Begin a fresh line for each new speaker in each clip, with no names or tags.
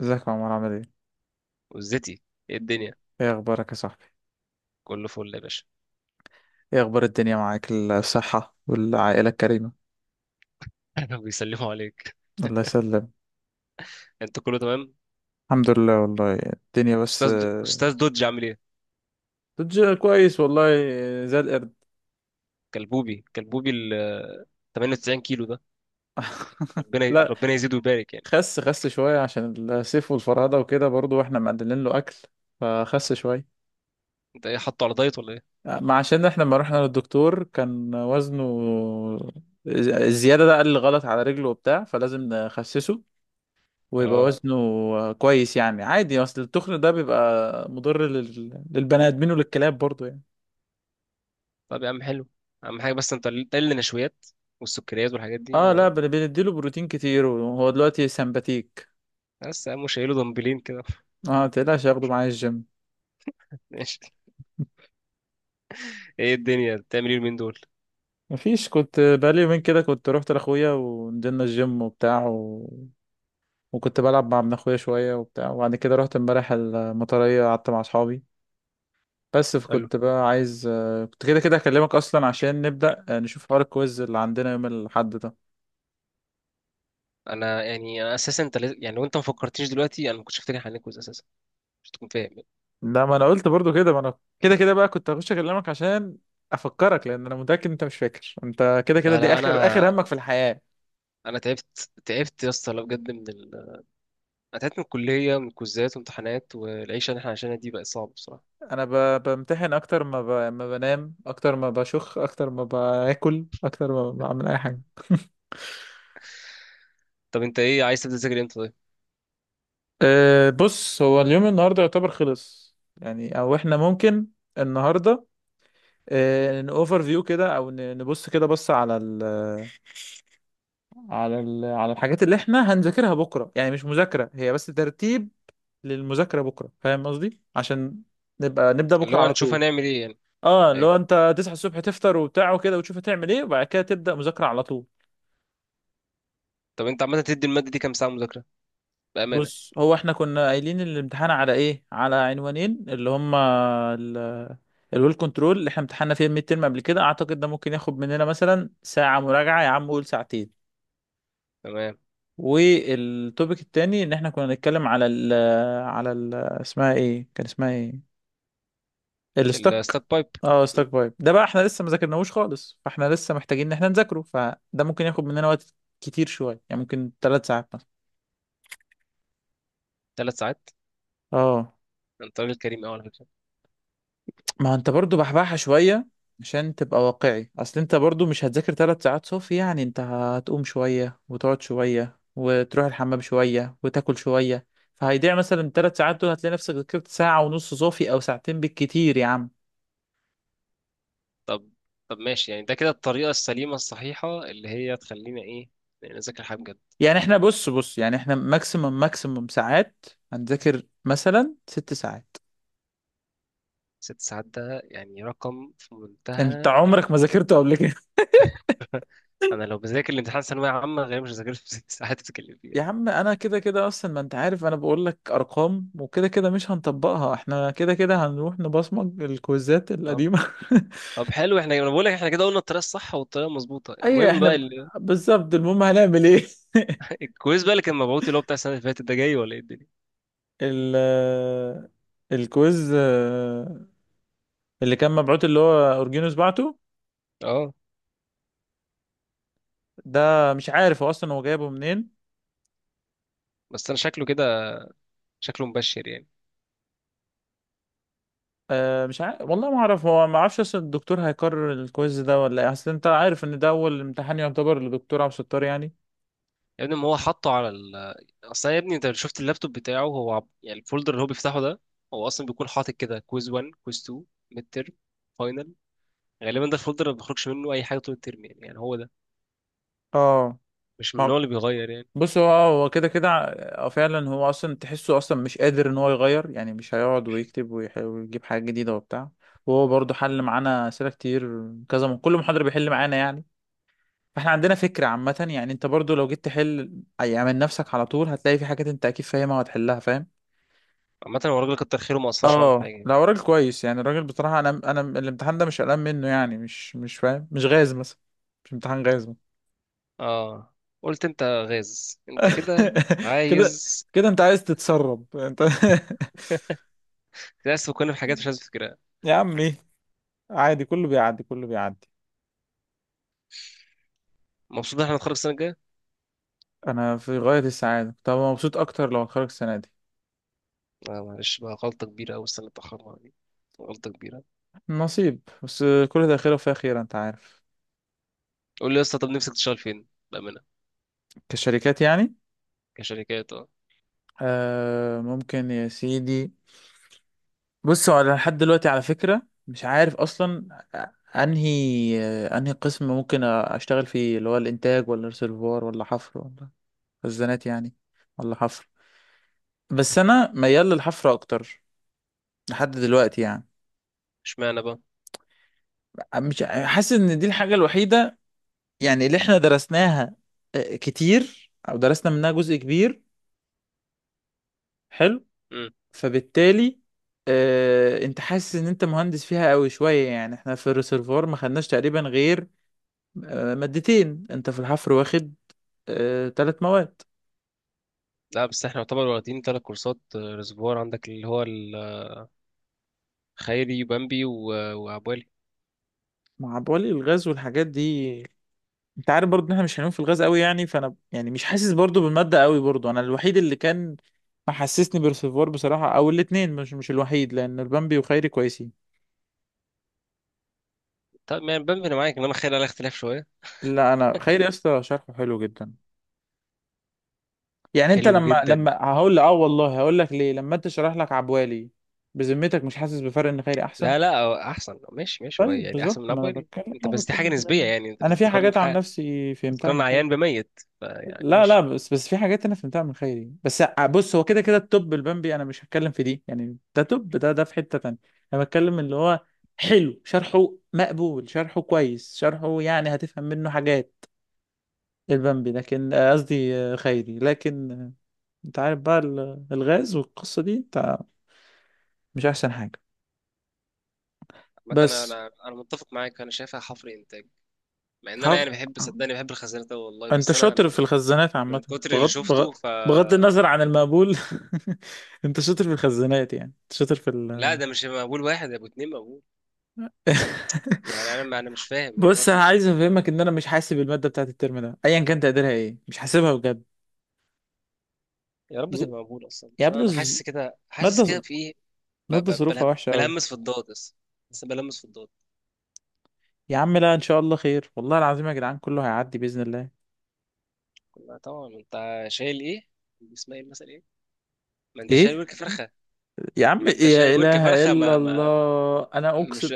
ازيك يا عمر عامل ايه؟
وزتي، ايه الدنيا؟
ايه اخبارك يا صاحبي؟
كله فل يا باشا.
ايه اخبار الدنيا معاك الصحة والعائلة الكريمة؟
بيسلموا عليك.
الله يسلم.
انت كله تمام؟
الحمد لله والله. الدنيا بس
استاذ دودج عامل ايه؟
كويس والله. زي القرد.
كلبوبي كلبوبي 98 كيلو ده.
لا،
ربنا يزيده ويبارك يعني.
خس شوية عشان السيف والفرهدة وكده برضو، واحنا مقللين له اكل، فخس شوية.
انت ايه حاطه على دايت ولا ايه؟
ما عشان احنا لما رحنا للدكتور كان وزنه الزيادة ده، قال غلط على رجله وبتاع، فلازم نخسسه ويبقى
اه.
وزنه كويس يعني، عادي. اصل التخن ده بيبقى مضر للبني ادمين وللكلاب برضو يعني.
طب يا عم حلو. اهم حاجه، بس انت قل قل نشويات والسكريات والحاجات دي،
اه
وهو
لا، بنديله بروتين كتير وهو دلوقتي سمباتيك.
بس يا عم شايله دمبلين كده.
اه متقلقش، اخده معايا الجيم.
ماشي. ايه الدنيا بتعمل ايه اليومين دول؟
مفيش، كنت بقالي يومين كده، كنت رحت لاخويا ونزلنا الجيم وبتاع وكنت بلعب مع ابن اخويا شويه وبتاع، وبعد كده رحت امبارح المطريه قعدت مع اصحابي. بس
حلو.
فكنت بقى عايز، كنت كده كده هكلمك اصلا عشان نبدأ، نشوف حوار الكويز اللي عندنا يوم الاحد ده.
انا اساسا انت يعني لو انت ما فكرتنيش دلوقتي انا ما كنتش افتكر هنتجوز اساسا، مش تكون فاهم يعني.
لا، ما انا قلت برضو كده، ما انا كده كده بقى كنت هخش اكلمك عشان افكرك، لان انا متاكد إن انت مش فاكر انت كده كده
لا،
دي
لا،
اخر
انا،
همك في الحياه.
انا تعبت تعبت يا اسطى، لا بجد انا تعبت من الكليه، من الكوزات وامتحانات، والعيشه اللي احنا عايشينها دي بقت صعبه بصراحه.
انا بمتحن اكتر ما، ما بنام اكتر ما بشخ اكتر ما باكل اكتر ما بعمل اي حاجه.
طب انت ايه عايز تبدا تذاكر امتى طيب؟
أه بص، هو اليوم النهارده يعتبر خلص يعني، او احنا ممكن النهارده أه نوفر فيو كده، او نبص كده، بص على ال على الحاجات اللي احنا هنذاكرها بكره، يعني مش مذاكره هي، بس ترتيب للمذاكرة بكرة. فاهم قصدي؟ عشان نبقى نبدأ
اللي
بكرة
هو
على
هنشوف
طول.
هنعمل ايه يعني؟
اه،
ايوه.
لو انت تصحى الصبح تفطر وبتاع وكده وتشوف هتعمل ايه، وبعد كده تبدأ مذاكرة على طول.
طب انت عامه تدي الماده دي كام ساعه مذاكره بامانه؟
بص، هو احنا كنا قايلين الامتحان على ايه؟ على عنوانين، اللي هما ال الويل كنترول اللي احنا امتحنا فيه الميد ترم قبل كده، اعتقد ده ممكن ياخد مننا مثلا ساعة مراجعة، يا عم قول ساعتين.
تمام.
والتوبيك التاني ان احنا كنا نتكلم على ال اسمها ايه، كان اسمها ايه، الستوك.
الستات بايب.
اه، ستوك بايب ده بقى احنا لسه ما ذاكرناهوش خالص، فاحنا لسه محتاجين ان احنا نذاكره، فده ممكن ياخد مننا وقت كتير شويه يعني، ممكن ثلاث ساعات مثلا.
3 ساعات.
اه،
انت راجل كريم قوي على فكره.
ما هو انت برضو بحبحها شويه عشان تبقى واقعي، اصل انت برضو مش هتذاكر ثلاث ساعات صافي يعني، انت هتقوم شويه وتقعد شويه وتروح الحمام شويه وتاكل شويه، فهيضيع مثلا ثلاث ساعات دول، هتلاقي نفسك ذاكرت ساعه ونص صافي او ساعتين بالكتير يا عم.
طب، طب ماشي يعني، ده كده الطريقه السليمه الصحيحه اللي هي تخلينا ايه؟ يعني نذاكر حاجه بجد.
يعني احنا بص، بص يعني، احنا ماكسيمم ساعات هنذاكر مثلا ست ساعات.
6 ساعات ده يعني رقم في
انت
منتهى
عمرك ما
ال...
ذاكرته قبل كده.
انا لو بذاكر الامتحان ثانويه عامه غالبا مش هذاكر في 6 ساعات بتتكلم فيها.
يا عم انا كده كده اصلا، ما انت عارف انا بقول لك ارقام وكده كده مش هنطبقها، احنا كده كده هنروح نبصمج الكويزات
طب،
القديمه.
طب حلو احنا، انا بقول لك احنا كده قلنا الطريقه الصح والطريقه المظبوطه،
ايوه،
المهم
احنا
بقى
بالظبط، المهم هنعمل ايه؟
الكويز بقى اللي كان مبعوت اللي هو بتاع السنه اللي فاتت ده جاي ولا ايه الدنيا؟
ال الكويز اللي كان مبعوت اللي هو اورجينوس بعته
اه.
ده، مش عارف هو اصلا هو جايبه منين.
بس انا شكله كده، شكله مبشر يعني.
أه مش عارف والله، ما اعرف، هو ما اعرفش اصل الدكتور هيكرر الكويز ده ولا ايه، اصل انت عارف ان ده اول امتحان يعتبر للدكتور عبد الستار يعني.
يا ابني ما هو حطه على اصل يا ابني انت لو شفت اللابتوب بتاعه هو يعني الفولدر اللي هو بيفتحه ده، هو اصلا بيكون حاطط كده كويز 1، كويز 2، ميد ترم، فاينل. غالبا ده الفولدر اللي ما بيخرجش منه اي حاجه طول الترم، يعني هو ده،
اه،
مش من
ما
النوع اللي بيغير يعني.
بص، هو هو كده كده فعلا هو اصلا تحسه اصلا مش قادر ان هو يغير يعني، مش هيقعد ويكتب ويجيب حاجه جديده وبتاع. وهو برضه حل معانا اسئله كتير كذا من كل محاضره بيحل معانا يعني، فاحنا عندنا فكره عامه يعني. انت برضه لو جيت تحل يعني من نفسك على طول هتلاقي في حاجات انت اكيد فاهمها وهتحلها، فاهم؟
عامه هو الراجل كتر خيره، ما اثرش معانا في
اه
حاجه يعني.
لا، هو راجل كويس يعني الراجل بصراحة، انا الامتحان ده مش قلقان منه يعني، مش فاهم، مش غاز مثلا، مش امتحان غاز مثلا.
اه. قلت انت غاز انت كده؟
كده،
عايز.
كده انت عايز تتسرب انت.
للأسف كنا في حاجات مش عايز أفتكرها.
يا عمي عادي، كله بيعدي كله بيعدي.
مبسوط إن إحنا هنتخرج السنة الجاية؟
انا في غاية السعادة، كنت هبقى مبسوط اكتر لو اتخرج السنة دي.
آه معلش بقى، غلطة كبيرة أوي السنة اللي اتأخرنا دي، غلطة كبيرة.
نصيب بس، كل ده خير وفيه خير انت عارف.
قول لي يا اسطى، طب نفسك تشتغل فين؟ بأمانة.
كشركات يعني؟
كشركات، اه.
آه ممكن يا سيدي. بصوا انا لحد دلوقتي على فكرة مش عارف اصلا انهي انهي قسم ممكن اشتغل فيه، اللي هو الانتاج ولا ريسيرفوار ولا حفر ولا خزانات يعني، ولا حفر. بس انا ميال للحفر اكتر لحد دلوقتي يعني.
اشمعنى بقى؟
مش ع- حاسس ان دي الحاجة الوحيدة يعني اللي احنا درسناها كتير، او درسنا منها جزء كبير. حلو.
مم.
فبالتالي انت حاسس ان انت مهندس فيها قوي شوية يعني. احنا في الريسيرفوار ما خدناش تقريبا غير مادتين، انت في الحفر واخد تلات مواد
لا، بس احنا يعتبر واخدين 3 كورسات، ريزرفوار عندك اللي هو الخيري وبامبي وعبالي.
مع بولي الغاز والحاجات دي. انت عارف برضو ان احنا مش هنقوم في الغاز قوي يعني، فانا يعني مش حاسس برضو بالمادة قوي برضو. انا الوحيد اللي كان محسسني برسيفوار بصراحة، او الاتنين، مش الوحيد، لان البامبي وخيري كويسين.
طب يعني بامبي انا معاك، انما خيري عليها اختلاف شويه.
لا، انا خيري يا اسطى شرحه حلو جدا. يعني انت
حلو
لما
جدا.
لما هقول لك اه والله هقول لك ليه لما انت شرح لك عبوالي، بذمتك مش حاسس بفرق ان خيري احسن؟
لا، لا، هو احسن، ماشي، ماشي، هو
طيب
يعني احسن
بالظبط،
من
ما انا
عبالي.
بتكلم،
انت
انا
بس دي حاجه
بتكلم
نسبيه
بجد.
يعني، انت
انا في
بتقارن
حاجات عن
حاجه،
نفسي فهمتها
بتقارن
من خيري.
عيان بميت، فيعني
لا لا،
ماشي.
بس في حاجات انا فهمتها من خيري بس، بص هو كده كده التوب البامبي انا مش هتكلم في دي يعني، ده توب، ده في حتة تانية. انا بتكلم اللي هو حلو شرحه، مقبول شرحه، كويس شرحه، يعني هتفهم منه حاجات. البامبي لكن قصدي خيري لكن انت عارف بقى الغاز والقصة دي، انت، مش احسن حاجة.
مثلا
بس
انا متفق معاك، انا شايفها حفر انتاج، مع ان انا
حف...
يعني بحب، صدقني بحب الخزانات أوي والله،
انت
بس انا من
شاطر في الخزانات عامة.
من كتر اللي
بغض
شفته
بغض
ف،
بغض النظر عن المقبول. انت شاطر في الخزانات يعني، انت شاطر في
لا ده مش مقبول، واحد يا ابو اتنين مقبول. يعني انا ما انا مش فاهم هي ما
بص
في
انا
إيه.
عايز افهمك ان انا مش حاسب الماده بتاعت الترم ده ايا كان تقديرها ايه، مش حاسبها بجد.
يا رب
ز...
تبقى مقبول اصلا،
يا
عشان
ابني،
انا حاسس كده، حاسس
ماده ز...
كده في ايه؟
ماده ظروفها وحشه قوي.
بلمس في الضاد بس، بس بلمس في الضاد.
يا عم لا، ان شاء الله خير، والله العظيم يا جدعان كله هيعدي باذن الله.
لا طبعا انت شايل ايه؟ اسمها ايه المثل ايه؟ ما انت شايل
ايه؟
ورك فرخه،
يا عم
ما انت شايل
يا
ورك
اله
فرخه،
الا
ما ما
الله انا اقسم،
مش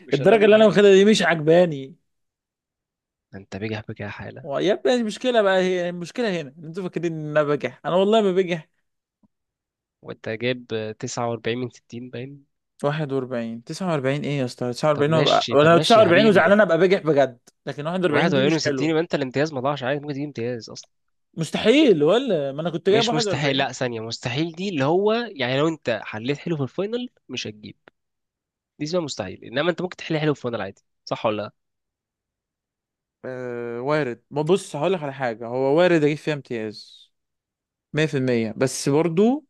مش هلم
الدرجه
من
اللي انا
حاجه.
واخدها دي مش عجباني.
انت بجح بجاحة؟
و- يا ابني المشكله بقى، هي المشكله هنا إن انتوا فاكرين ان انا بجح، انا والله ما بجح.
وانت جايب 49 من 60 باين.
41، 49، ايه يا اسطى؟
طب
49 وابقى
ماشي،
انا؟
طب
لو
ماشي يا
49
حبيبي،
وزعلان ابقى بجح بجد، لكن 41
واحد
دي
وأربعين من
مش
ستين
حلوه.
يبقى انت الامتياز ما ضاعش، عادي ممكن تجيب امتياز أصلا.
مستحيل، ولا ما انا كنت جايب
مش مستحيل،
41.
لا، ثانية مستحيل دي اللي هو يعني لو انت حليت حلو في الفاينل مش هتجيب، دي اسمها مستحيل، انما انت ممكن تحل حلو في الفاينل عادي، صح ولا لا؟
آه وارد، ما بص هقول لك على حاجة، هو وارد أجيب فيها امتياز 100%، بس برضو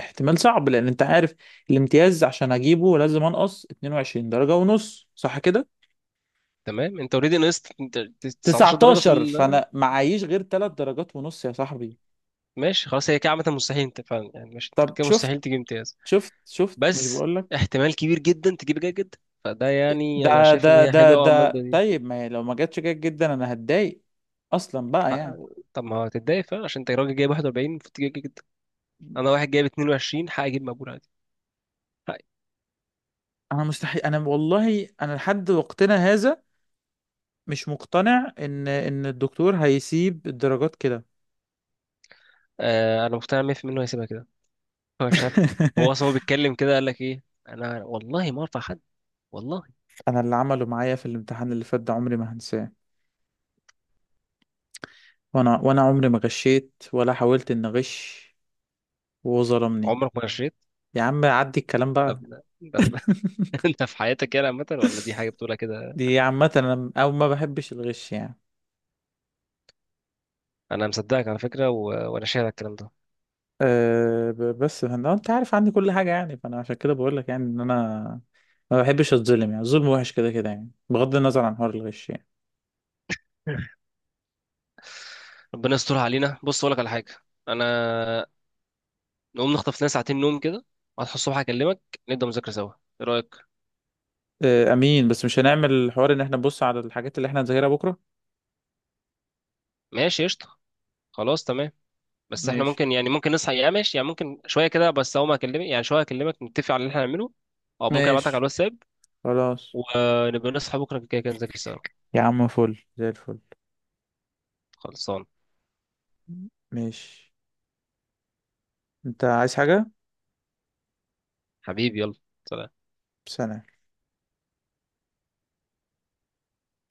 احتمال صعب، لأن أنت عارف الامتياز عشان أجيبه لازم أنقص 22 درجة ونص، صح كده؟
تمام، انت اوريدي نقصت انت 19 درجة
19، فأنا معيش غير 3 درجات ونص يا صاحبي.
ماشي خلاص، هي كده عامة مستحيل، انت فعلا يعني مش، انت
طب
كده
شفت؟
مستحيل تجيب امتياز،
شفت؟ شفت؟ مش
بس
بقولك؟
احتمال كبير جدا تجيب جيد جدا. فده يعني، انا
ده
شايف ان
ده
هي
ده
حلوه قوي
ده
المادة دي.
طيب ما هي لو ما جاتش جيد جدا أنا هتضايق أصلا بقى
حق.
يعني.
طب ما هو تتضايق فعلا عشان انت راجل جايب 41 المفروض تجيب جدا. انا واحد جايب 22 حق اجيب مقبول عادي، حقي.
مستحيل، أنا والله أنا لحد وقتنا هذا مش مقتنع ان الدكتور هيسيب الدرجات كده.
آه، انا مقتنع 100% انه هيسيبها كده. هو مش عارف. هو اصلا هو بيتكلم كده، قال لك ايه؟ انا والله ما ارفع حد، والله.
انا اللي عمله معايا في الامتحان اللي فات ده عمري ما هنساه، وانا عمري ما غشيت ولا حاولت ان اغش، وهو ظلمني.
عمرك ما رشيت؟
يا عم عدي الكلام
ده
بقى.
ده ده انت في حياتك يعني عامة، ولا دي حاجة بتقولها كده؟
دي عامة انا، او ما بحبش الغش يعني.
انا مصدقك على فكرة وانا شايف الكلام ده.
أه، بس انا، انت عارف عندي كل حاجة يعني، فانا عشان كده بقول لك يعني ان انا ما بحبش اتظلم يعني، الظلم وحش كده كده يعني، بغض النظر عن حوار الغش يعني.
ربنا يسترها علينا. بص اقول لك على حاجة، انا نقوم نخطف لنا ساعتين نوم كده، هتصحى الصبح اكلمك، نبدأ مذاكرة سوا، ايه رأيك؟
أه امين، بس مش هنعمل حوار ان احنا نبص على الحاجات اللي احنا هنذاكرها بكرة؟
ماشي قشطة، خلاص تمام، بس احنا
ماشي.
ممكن، ممكن نصحى يا ماشي، يعني ممكن شويه كده، بس اول ما اكلمك يعني شويه اكلمك نتفق على اللي احنا هنعمله، او ممكن ابعتلك على
ماشي،
الواتساب،
خلاص.
ونبقى نصحى بكره كده كده نذاكر سوا.
يا عم فل زي الفل.
خلصان.
ماشي. انت عايز حاجة؟
حبيبي يلا، سلام.
سلام.